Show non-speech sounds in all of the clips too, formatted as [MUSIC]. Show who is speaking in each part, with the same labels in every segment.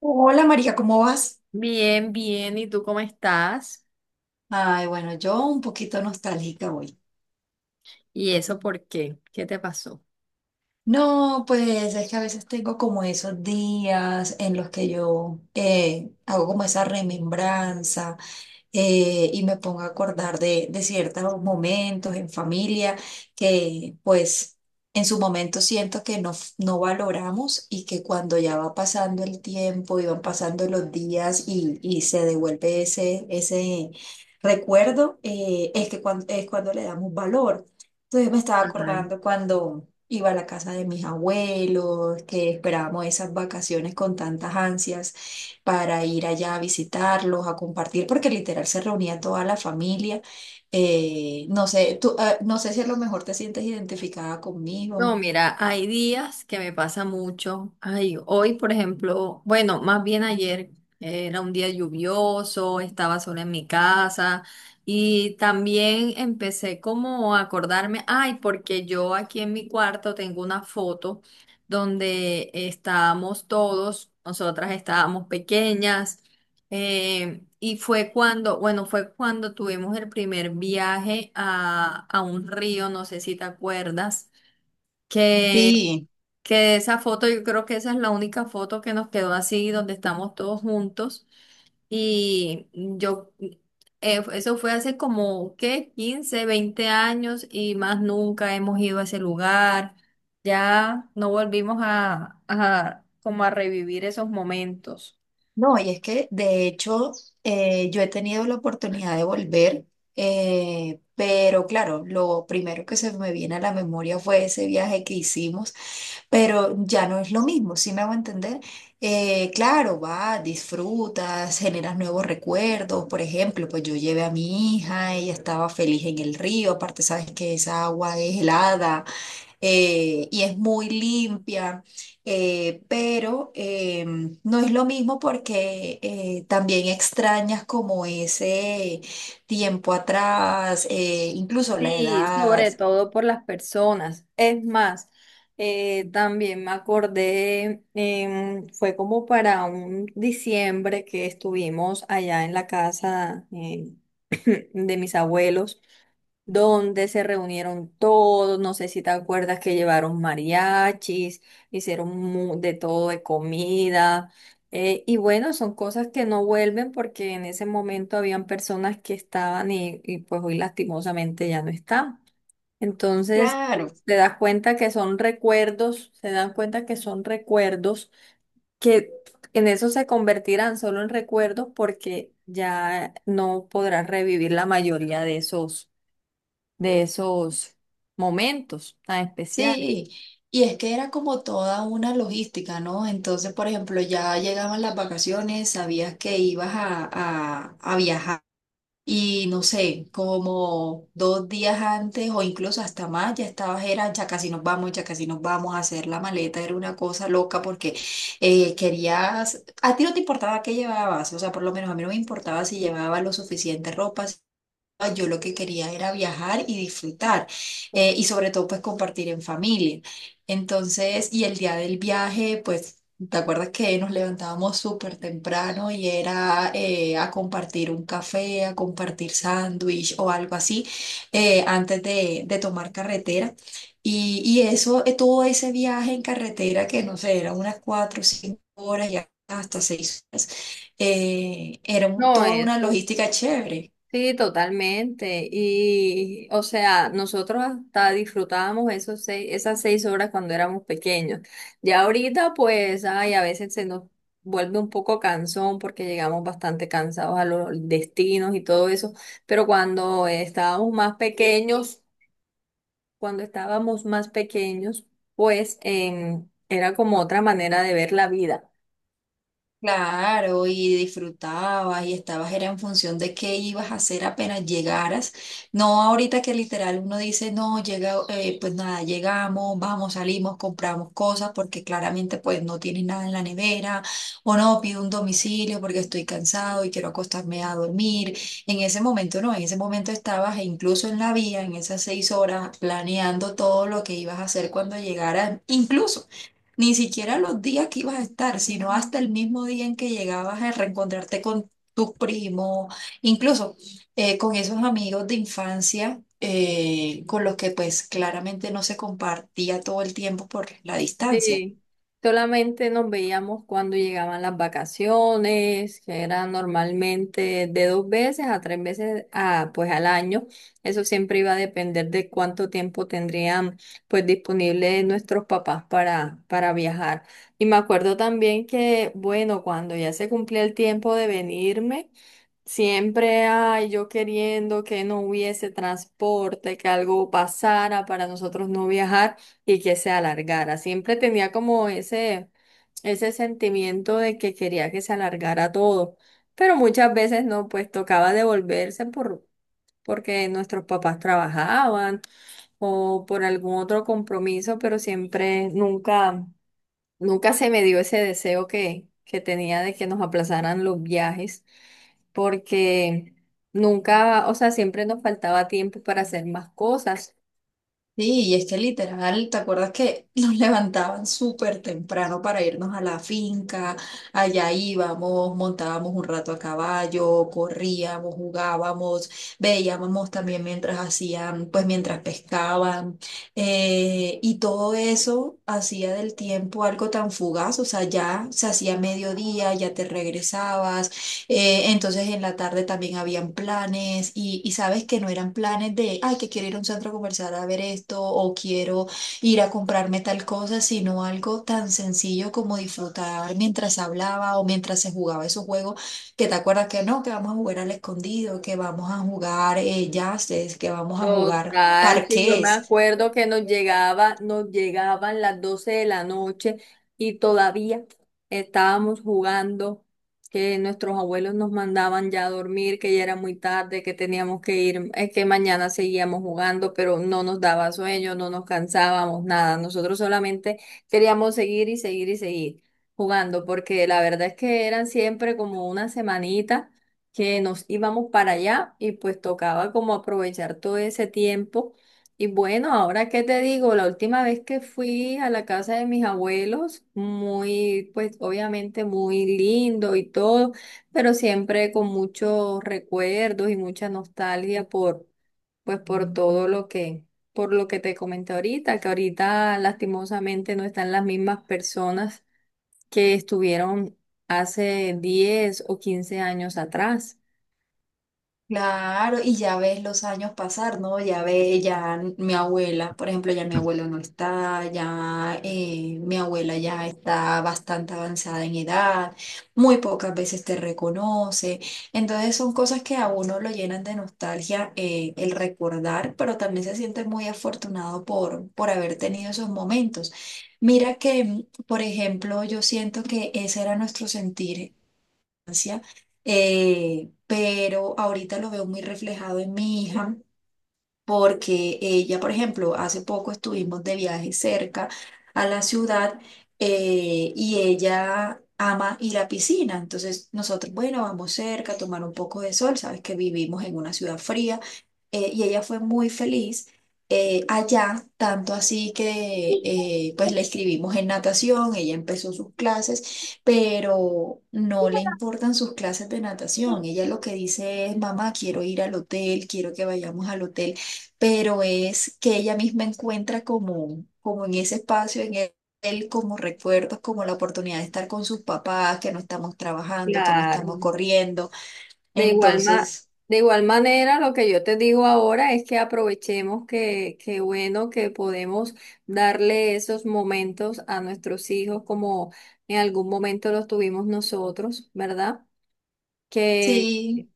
Speaker 1: Hola María, ¿cómo vas?
Speaker 2: Bien, bien. ¿Y tú cómo estás?
Speaker 1: Ay, bueno, yo un poquito nostálgica hoy.
Speaker 2: ¿Y eso por qué? ¿Qué te pasó?
Speaker 1: No, pues es que a veces tengo como esos días en los que yo hago como esa remembranza y me pongo a acordar de ciertos momentos en familia que pues en su momento siento que no, no valoramos y que cuando ya va pasando el tiempo y van pasando los días y se devuelve ese recuerdo, es que es cuando le damos valor. Entonces me estaba
Speaker 2: Ajá.
Speaker 1: acordando cuando iba a la casa de mis abuelos, que esperábamos esas vacaciones con tantas ansias para ir allá a visitarlos, a compartir, porque literal se reunía toda la familia. No sé, tú, ah, no sé si a lo mejor te sientes identificada conmigo.
Speaker 2: No, mira, hay días que me pasa mucho. Ay, hoy, por ejemplo, bueno, más bien ayer era un día lluvioso, estaba sola en mi casa y también empecé como a acordarme, ay, porque yo aquí en mi cuarto tengo una foto donde estábamos todos, nosotras estábamos pequeñas, y bueno, fue cuando tuvimos el primer viaje a un río, no sé si te acuerdas que,
Speaker 1: Sí.
Speaker 2: que esa foto, yo creo que esa es la única foto que nos quedó así, donde estamos todos juntos. Y yo, eso fue hace como, ¿qué? 15 20 años, y más nunca hemos ido a ese lugar. Ya no volvimos a como a revivir esos momentos.
Speaker 1: No, y es que de hecho yo he tenido la oportunidad de volver, pero claro, lo primero que se me viene a la memoria fue ese viaje que hicimos. Pero ya no es lo mismo, ¿sí me hago entender? Claro, va, disfrutas, generas nuevos recuerdos. Por ejemplo, pues yo llevé a mi hija, ella estaba feliz en el río, aparte sabes que esa agua es helada, y es muy limpia, eh, pero eh, no es lo mismo porque también extrañas como ese tiempo atrás, incluso la
Speaker 2: Sí,
Speaker 1: edad.
Speaker 2: sobre todo por las personas. Es más, también me acordé, fue como para un diciembre que estuvimos allá en la casa, [CLEARS THROAT] de mis abuelos, donde se reunieron todos, no sé si te acuerdas que llevaron mariachis, hicieron de todo de comida. Y bueno, son cosas que no vuelven porque en ese momento habían personas que estaban, y pues hoy lastimosamente ya no están. Entonces,
Speaker 1: Claro.
Speaker 2: te das cuenta que son recuerdos, se dan cuenta que son recuerdos que en eso se convertirán, solo en recuerdos, porque ya no podrás revivir la mayoría de esos, de esos momentos tan especiales.
Speaker 1: Sí, y es que era como toda una logística, ¿no? Entonces, por ejemplo, ya llegaban las vacaciones, sabías que ibas a viajar y no sé, como dos días antes o incluso hasta más, ya estabas, era ya casi nos vamos, ya casi nos vamos a hacer la maleta, era una cosa loca porque querías, a ti no te importaba qué llevabas, o sea, por lo menos a mí no me importaba si llevaba lo suficiente ropa. Ah, yo lo que quería era viajar y disfrutar, y sobre todo pues compartir en familia. Entonces, y el día del viaje, pues, ¿te acuerdas que nos levantábamos súper temprano y era a compartir un café, a compartir sándwich o algo así antes de tomar carretera? Y eso, todo ese viaje en carretera que no sé, eran unas cuatro o cinco horas y hasta seis horas. Era
Speaker 2: No,
Speaker 1: toda una
Speaker 2: eso,
Speaker 1: logística chévere.
Speaker 2: sí, totalmente. Y, o sea, nosotros hasta disfrutábamos esos seis, esas seis horas cuando éramos pequeños. Ya ahorita, pues, ay, a veces se nos vuelve un poco cansón porque llegamos bastante cansados a los destinos y todo eso. Pero cuando estábamos más pequeños, cuando estábamos más pequeños, pues, era como otra manera de ver la vida.
Speaker 1: Claro, y disfrutabas y estabas, era en función de qué ibas a hacer apenas llegaras. No ahorita que literal uno dice, no, llega, pues nada, llegamos, vamos, salimos, compramos cosas porque claramente pues no tienes nada en la nevera o no, pido un domicilio porque estoy cansado y quiero acostarme a dormir. En ese momento no, en ese momento estabas e incluso en la vía, en esas seis horas, planeando todo lo que ibas a hacer cuando llegaras, incluso. Ni siquiera los días que ibas a estar, sino hasta el mismo día en que llegabas a reencontrarte con tus primos, incluso con esos amigos de infancia, con los que pues claramente no se compartía todo el tiempo por la distancia.
Speaker 2: Sí, solamente nos veíamos cuando llegaban las vacaciones, que era normalmente de dos veces a tres veces a, pues, al año. Eso siempre iba a depender de cuánto tiempo tendrían, pues, disponible nuestros papás para, viajar. Y me acuerdo también que, bueno, cuando ya se cumplía el tiempo de venirme, siempre hay yo queriendo que no hubiese transporte, que algo pasara para nosotros no viajar y que se alargara. Siempre tenía como ese sentimiento de que quería que se alargara todo, pero muchas veces no, pues tocaba devolverse porque nuestros papás trabajaban o por algún otro compromiso, pero siempre nunca se me dio ese deseo que tenía de que nos aplazaran los viajes, porque nunca, o sea, siempre nos faltaba tiempo para hacer más cosas.
Speaker 1: Sí, y es que literal, ¿te acuerdas que [LAUGHS] nos levantaban súper temprano para irnos a la finca? Allá íbamos, montábamos un rato a caballo, corríamos, jugábamos, veíamos también mientras hacían, pues mientras pescaban, y todo eso hacía del tiempo algo tan fugaz, o sea, ya se hacía mediodía, ya te regresabas. Entonces en la tarde también habían planes y sabes que no eran planes de, ay, que quiero ir a un centro comercial a ver esto o quiero ir a comprarme tal cosa, sino algo tan sencillo como disfrutar mientras hablaba o mientras se jugaba esos juegos, que te acuerdas que no, que vamos a jugar al escondido, que vamos a jugar yaces, que vamos a jugar
Speaker 2: Total, sí, yo me
Speaker 1: parques.
Speaker 2: acuerdo que nos llegaba, nos llegaban las 12 de la noche y todavía estábamos jugando, que nuestros abuelos nos mandaban ya a dormir, que ya era muy tarde, que teníamos que ir, es que mañana seguíamos jugando, pero no nos daba sueño, no nos cansábamos, nada. Nosotros solamente queríamos seguir y seguir y seguir jugando, porque la verdad es que eran siempre como una semanita que nos íbamos para allá y pues tocaba como aprovechar todo ese tiempo. Y bueno, ahora qué te digo, la última vez que fui a la casa de mis abuelos, muy, pues obviamente muy lindo y todo, pero siempre con muchos recuerdos y mucha nostalgia por, pues, por todo lo que, por lo que te comenté ahorita, que ahorita lastimosamente no están las mismas personas que estuvieron hace 10 o 15 años atrás.
Speaker 1: Claro, y ya ves los años pasar, ¿no? Ya ve, ya mi abuela, por ejemplo, ya mi abuelo no está, ya mi abuela ya está bastante avanzada en edad, muy pocas veces te reconoce. Entonces son cosas que a uno lo llenan de nostalgia, el recordar, pero también se siente muy afortunado por haber tenido esos momentos. Mira que, mm, por ejemplo, yo siento que ese era nuestro sentir, pero ahorita lo veo muy reflejado en mi hija, porque ella, por ejemplo, hace poco estuvimos de viaje cerca a la ciudad, y ella ama ir a piscina. Entonces nosotros, bueno, vamos cerca a tomar un poco de sol, sabes que vivimos en una ciudad fría, y ella fue muy feliz allá, tanto así que pues la escribimos en natación, ella empezó sus clases, pero no le importan sus clases de natación. Ella lo que dice es, mamá, quiero ir al hotel, quiero que vayamos al hotel, pero es que ella misma encuentra como, como en ese espacio, en él, él como recuerdos, como la oportunidad de estar con sus papás, que no estamos trabajando, que no estamos
Speaker 2: Claro.
Speaker 1: corriendo.
Speaker 2: De igual ma-
Speaker 1: Entonces,
Speaker 2: de igual manera, lo que yo te digo ahora es que aprovechemos que, bueno que podemos darle esos momentos a nuestros hijos como en algún momento los tuvimos nosotros, ¿verdad? Que
Speaker 1: sí,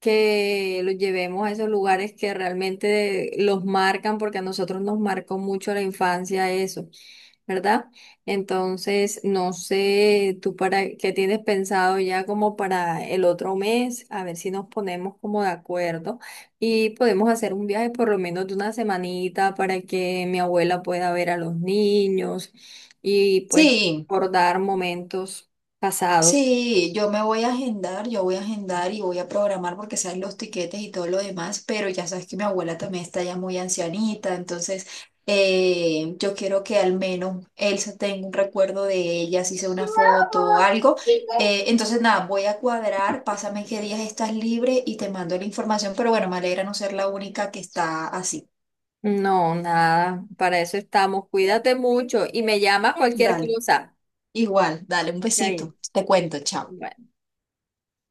Speaker 2: que los llevemos a esos lugares que realmente los marcan, porque a nosotros nos marcó mucho la infancia eso, ¿verdad? Entonces, no sé, tú para qué tienes pensado ya como para el otro mes, a ver si nos ponemos como de acuerdo y podemos hacer un viaje por lo menos de una semanita para que mi abuela pueda ver a los niños y pues
Speaker 1: sí.
Speaker 2: recordar momentos pasados.
Speaker 1: Sí, yo me voy a agendar, yo voy a agendar y voy a programar porque saben los tiquetes y todo lo demás, pero ya sabes que mi abuela también está ya muy ancianita, entonces yo quiero que al menos él se tenga un recuerdo de ella, si sea una foto o algo. Entonces nada, voy a cuadrar, pásame qué días estás libre y te mando la información, pero bueno, me alegra no ser la única que está así.
Speaker 2: No, nada, para eso estamos. Cuídate mucho y me llamas cualquier
Speaker 1: Dale,
Speaker 2: cosa.
Speaker 1: igual, dale un
Speaker 2: Yair.
Speaker 1: besito, te cuento, chao.
Speaker 2: Bye.